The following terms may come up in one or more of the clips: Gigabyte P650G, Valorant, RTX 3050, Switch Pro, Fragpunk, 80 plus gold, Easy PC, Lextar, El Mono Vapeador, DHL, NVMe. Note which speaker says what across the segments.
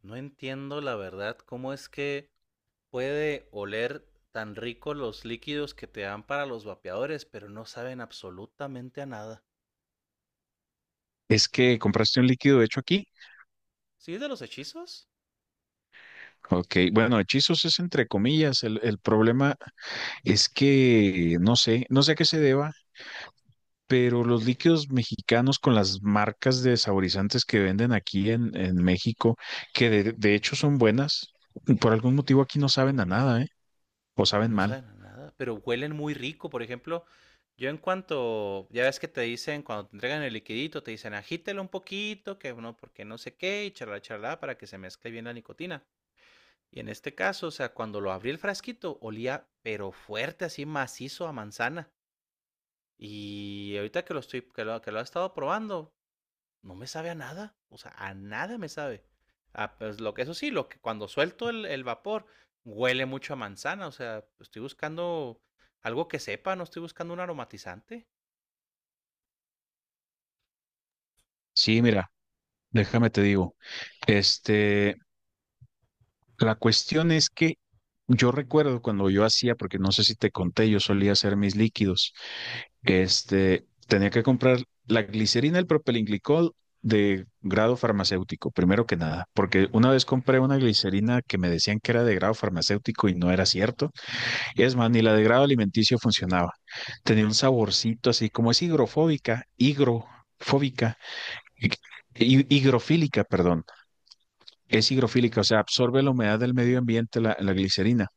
Speaker 1: No entiendo la verdad cómo es que puede oler tan rico los líquidos que te dan para los vapeadores, pero no saben absolutamente a nada.
Speaker 2: Es que compraste un líquido hecho aquí.
Speaker 1: ¿Sí es de los hechizos?
Speaker 2: Ok, bueno, hechizos es entre comillas. El problema es que no sé a qué se deba, pero los líquidos mexicanos con las marcas de saborizantes que venden aquí en México, que de hecho son buenas, por algún motivo aquí no saben a nada, ¿eh? O saben
Speaker 1: No
Speaker 2: mal.
Speaker 1: saben a nada, pero huelen muy rico. Por ejemplo, yo en cuanto, ya ves que te dicen, cuando te entregan el liquidito, te dicen agítelo un poquito, que no, porque no sé qué, y charla, charla, para que se mezcle bien la nicotina. Y en este caso, o sea, cuando lo abrí el frasquito, olía pero fuerte, así macizo a manzana. Y ahorita que lo estoy, que lo he estado probando, no me sabe a nada. O sea, a nada me sabe. Ah, pues lo que eso sí, lo que cuando suelto el vapor, huele mucho a manzana. O sea, estoy buscando algo que sepa, no estoy buscando un aromatizante.
Speaker 2: Sí, mira, déjame te digo. Este, la cuestión es que yo recuerdo cuando yo hacía, porque no sé si te conté, yo solía hacer mis líquidos. Tenía que comprar la glicerina, el propilenglicol de grado farmacéutico, primero que nada, porque una vez compré una glicerina que me decían que era de grado farmacéutico y no era cierto. Es más, ni la de grado alimenticio funcionaba. Tenía un saborcito así, como es higrofóbica, hi- higrofílica, perdón. Es higrofílica, o sea, absorbe la humedad del medio ambiente, la glicerina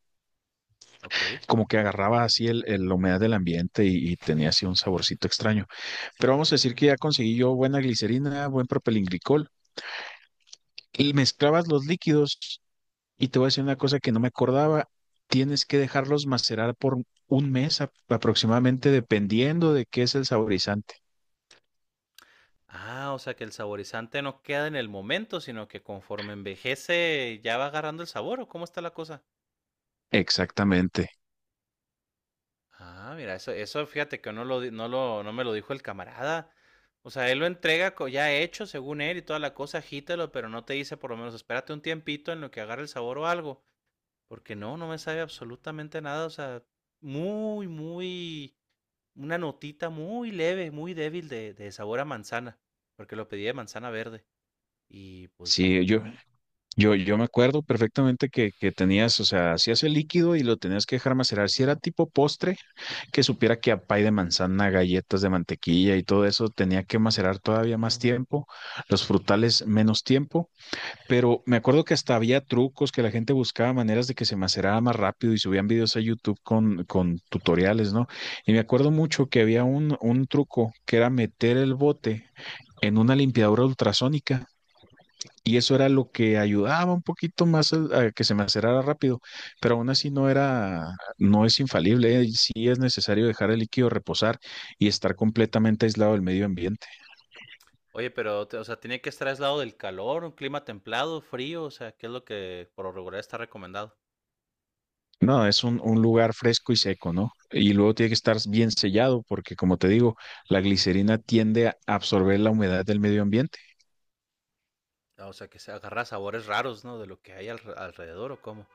Speaker 1: Ok.
Speaker 2: como que agarraba así el, la humedad del ambiente y tenía así un saborcito extraño. Pero vamos a decir que ya conseguí yo buena glicerina, buen propilenglicol y mezclabas los líquidos y te voy a decir una cosa que no me acordaba, tienes que dejarlos macerar por un mes aproximadamente dependiendo de qué es el saborizante.
Speaker 1: Ah, o sea que el saborizante no queda en el momento, sino que conforme envejece ya va agarrando el sabor, ¿o cómo está la cosa?
Speaker 2: Exactamente.
Speaker 1: Ah, mira, eso fíjate que no lo, di- no lo, no me lo dijo el camarada. O sea, él lo entrega ya hecho, según él, y toda la cosa, agítalo, pero no te dice por lo menos, espérate un tiempito en lo que agarre el sabor o algo. Porque no, no me sabe absolutamente nada. O sea, muy, muy, una notita muy leve, muy débil de sabor a manzana. Porque lo pedí de manzana verde. Y pues no.
Speaker 2: Sí, yo me acuerdo perfectamente que tenías, o sea, hacías el líquido y lo tenías que dejar macerar. Si era tipo postre, que supiera que a pay de manzana, galletas de mantequilla y todo eso tenía que macerar todavía más tiempo, los frutales menos tiempo, pero me acuerdo que hasta había trucos que la gente buscaba maneras de que se macerara más rápido y subían videos a YouTube con tutoriales, ¿no? Y me acuerdo mucho que había un truco que era meter el bote en una limpiadora ultrasónica y eso era lo que ayudaba un poquito más a que se me acerara rápido, pero aún así no era, no es infalible, ¿eh? Sí es necesario dejar el líquido reposar y estar completamente aislado del medio ambiente.
Speaker 1: Oye, pero, o sea, tiene que estar aislado del calor, un clima templado, frío, o sea, ¿qué es lo que por lo regular está recomendado?
Speaker 2: No, es un lugar fresco y seco, ¿no? Y luego tiene que estar bien sellado porque, como te digo, la glicerina tiende a absorber la humedad del medio ambiente.
Speaker 1: Ah, o sea, que se agarra sabores raros, ¿no? De lo que hay alrededor o cómo.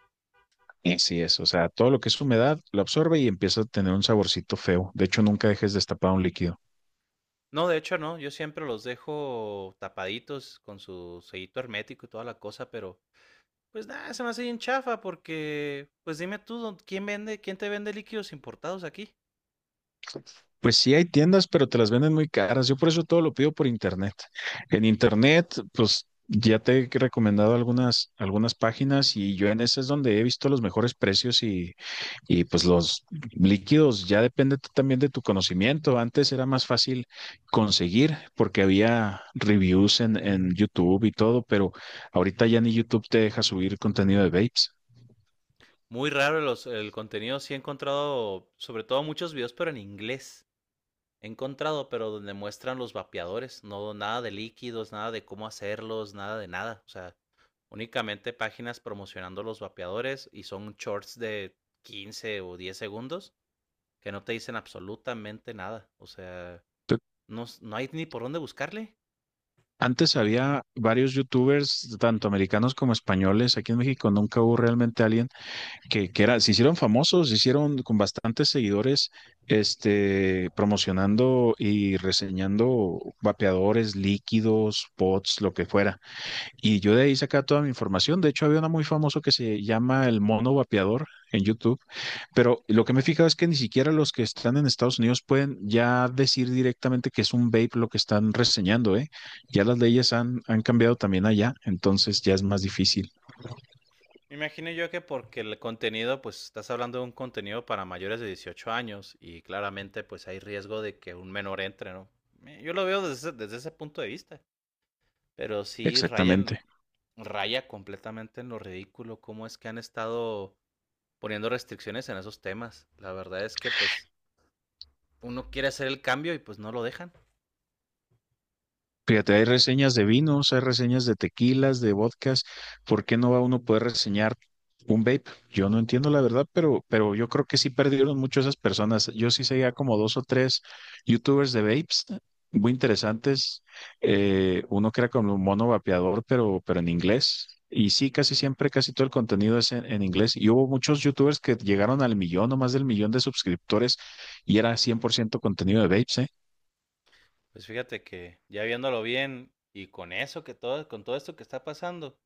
Speaker 2: Así es, o sea, todo lo que es humedad lo absorbe y empieza a tener un saborcito feo. De hecho, nunca dejes destapado un líquido.
Speaker 1: No, de hecho no, yo siempre los dejo tapaditos con su sellito hermético y toda la cosa, pero pues nada, se me hace bien chafa porque, pues dime tú, ¿quién vende, quién te vende líquidos importados aquí?
Speaker 2: Pues sí, hay tiendas, pero te las venden muy caras. Yo por eso todo lo pido por internet. En internet, pues ya te he recomendado algunas páginas y yo en esas es donde he visto los mejores precios y pues los líquidos. Ya depende también de tu conocimiento. Antes era más fácil conseguir porque había reviews en YouTube y todo, pero ahorita ya ni YouTube te deja subir contenido de vapes.
Speaker 1: Muy raro los, el contenido, sí he encontrado sobre todo muchos videos, pero en inglés. He encontrado, pero donde muestran los vapeadores, no nada de líquidos, nada de cómo hacerlos, nada de nada. O sea, únicamente páginas promocionando los vapeadores y son shorts de 15 o 10 segundos que no te dicen absolutamente nada. O sea, no, no hay ni por dónde buscarle.
Speaker 2: Antes había varios youtubers, tanto americanos como españoles. Aquí en México nunca hubo realmente alguien que era, se hicieron famosos, se hicieron con bastantes seguidores, promocionando y reseñando vapeadores, líquidos, pods, lo que fuera. Y yo de ahí saca toda mi información. De hecho, había uno muy famoso que se llama El Mono Vapeador en YouTube. Pero lo que me he fijado es que ni siquiera los que están en Estados Unidos pueden ya decir directamente que es un vape lo que están reseñando, ¿eh? Ya las leyes han, han cambiado también allá, entonces ya es más difícil.
Speaker 1: Me imagino yo que porque el contenido, pues estás hablando de un contenido para mayores de 18 años y claramente pues hay riesgo de que un menor entre, ¿no? Yo lo veo desde, desde ese punto de vista. Pero sí
Speaker 2: Exactamente.
Speaker 1: rayan, raya completamente en lo ridículo cómo es que han estado poniendo restricciones en esos temas. La verdad es que pues uno quiere hacer el cambio y pues no lo dejan.
Speaker 2: Fíjate, hay reseñas de vinos, hay reseñas de tequilas, de vodkas. ¿Por qué no va uno a poder reseñar un vape? Yo no entiendo la verdad, pero yo creo que sí perdieron mucho esas personas. Yo sí seguía como dos o tres youtubers de vapes muy interesantes. Uno que era como un mono vapeador, pero en inglés. Y sí, casi siempre, casi todo el contenido es en inglés. Y hubo muchos youtubers que llegaron al millón o más del millón de suscriptores y era 100% contenido de vapes, ¿eh?
Speaker 1: Pues fíjate que ya viéndolo bien y con eso que todo, con todo esto que está pasando,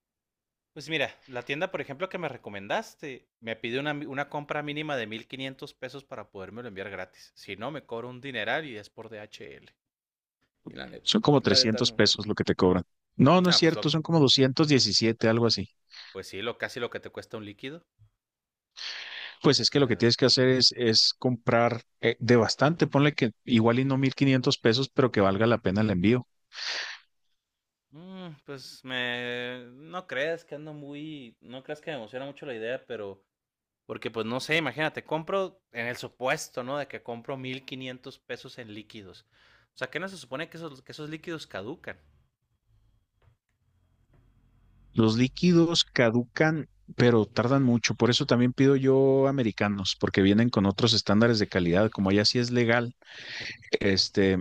Speaker 1: pues mira, la tienda por ejemplo que me recomendaste me pide una compra mínima de 1500 pesos para podérmelo enviar gratis. Si no, me cobro un dineral y es por DHL. Y
Speaker 2: Son como
Speaker 1: la neta
Speaker 2: 300
Speaker 1: no.
Speaker 2: pesos lo que te cobran. No, no es
Speaker 1: No, pues
Speaker 2: cierto,
Speaker 1: lo,
Speaker 2: son como 217, algo así.
Speaker 1: pues sí, lo casi lo que te cuesta un líquido.
Speaker 2: Pues
Speaker 1: O
Speaker 2: es que lo que
Speaker 1: sea,
Speaker 2: tienes que hacer es, comprar de bastante, ponle que igual y no 1,500 pesos, pero que valga la pena el envío.
Speaker 1: pues me... No creas que ando muy... No creas que me emociona mucho la idea, pero... Porque pues no sé, imagínate, compro en el supuesto, ¿no? De que compro 1500 pesos en líquidos. O sea, que no se supone que esos líquidos caducan.
Speaker 2: Los líquidos caducan, pero tardan mucho. Por eso también pido yo americanos, porque vienen con otros estándares de calidad. Como allá sí es legal, este,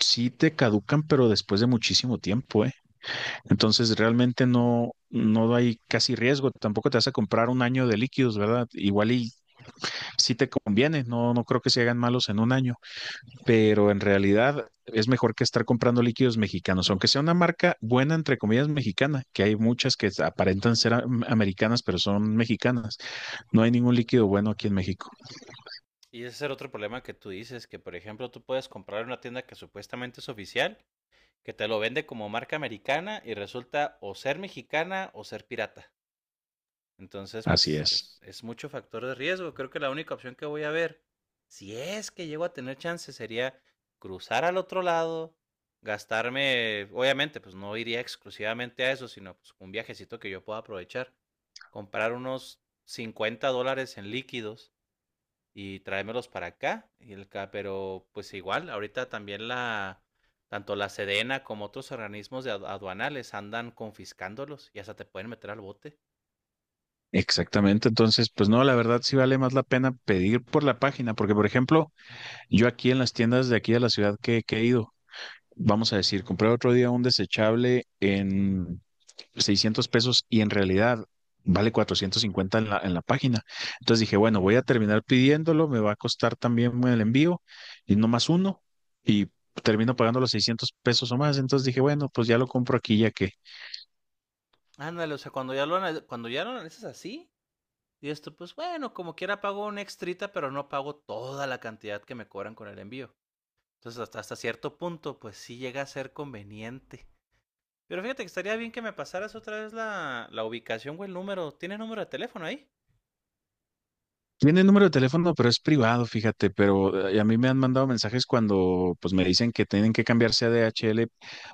Speaker 2: sí te caducan, pero después de muchísimo tiempo, ¿eh? Entonces realmente no, no hay casi riesgo. Tampoco te vas a comprar un año de líquidos, ¿verdad? Igual y sí te conviene. No, no creo que se hagan malos en un año, pero en realidad es mejor que estar comprando líquidos mexicanos, aunque sea una marca buena, entre comillas, mexicana, que hay muchas que aparentan ser americanas, pero son mexicanas. No hay ningún líquido bueno aquí en México.
Speaker 1: Y ese es el otro problema que tú dices, que por ejemplo tú puedes comprar en una tienda que supuestamente es oficial, que te lo vende como marca americana y resulta o ser mexicana o ser pirata. Entonces,
Speaker 2: Así
Speaker 1: pues
Speaker 2: es.
Speaker 1: es mucho factor de riesgo. Creo que la única opción que voy a ver, si es que llego a tener chance, sería cruzar al otro lado, gastarme, obviamente, pues no iría exclusivamente a eso, sino pues un viajecito que yo pueda aprovechar, comprar unos $50 en líquidos y traérmelos para acá, y el, pero pues igual, ahorita también la, tanto la Sedena como otros organismos de aduanales andan confiscándolos y hasta te pueden meter al bote.
Speaker 2: Exactamente, entonces, pues no, la verdad sí vale más la pena pedir por la página, porque por ejemplo, yo aquí en las tiendas de aquí de la ciudad que he ido, vamos a decir, compré otro día un desechable en 600 pesos y en realidad vale 450 en la página. Entonces dije, bueno, voy a terminar pidiéndolo, me va a costar también el envío y no más uno y termino pagando los 600 pesos o más. Entonces dije, bueno, pues ya lo compro aquí ya que
Speaker 1: Ándale, o sea, cuando ya lo, cuando ya lo analizas así, y esto, pues bueno, como quiera pago una extrita, pero no pago toda la cantidad que me cobran con el envío. Entonces, hasta, hasta cierto punto, pues sí llega a ser conveniente. Pero fíjate que estaría bien que me pasaras otra vez la, la ubicación o el número. ¿Tienes número de teléfono ahí?
Speaker 2: tiene el número de teléfono, pero es privado, fíjate, pero a mí me han mandado mensajes cuando pues me dicen que tienen que cambiarse a DHL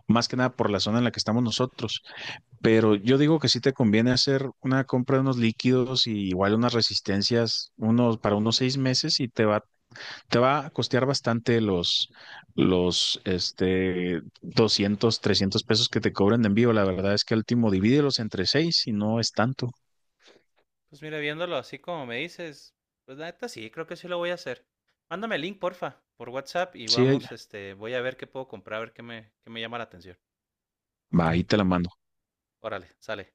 Speaker 2: más que nada por la zona en la que estamos nosotros. Pero yo digo que sí te conviene hacer una compra de unos líquidos y igual unas resistencias unos, para unos 6 meses y te va a costear bastante los, 200 300 pesos que te cobran de envío. La verdad es que al último divídelos entre seis y no es tanto.
Speaker 1: Pues mira, viéndolo así como me dices, pues la neta sí, creo que sí lo voy a hacer. Mándame el link, porfa, por WhatsApp y
Speaker 2: Sí,
Speaker 1: vamos, este, voy a ver qué puedo comprar, a ver qué me llama la atención.
Speaker 2: va, ahí te la mando.
Speaker 1: Órale, sale.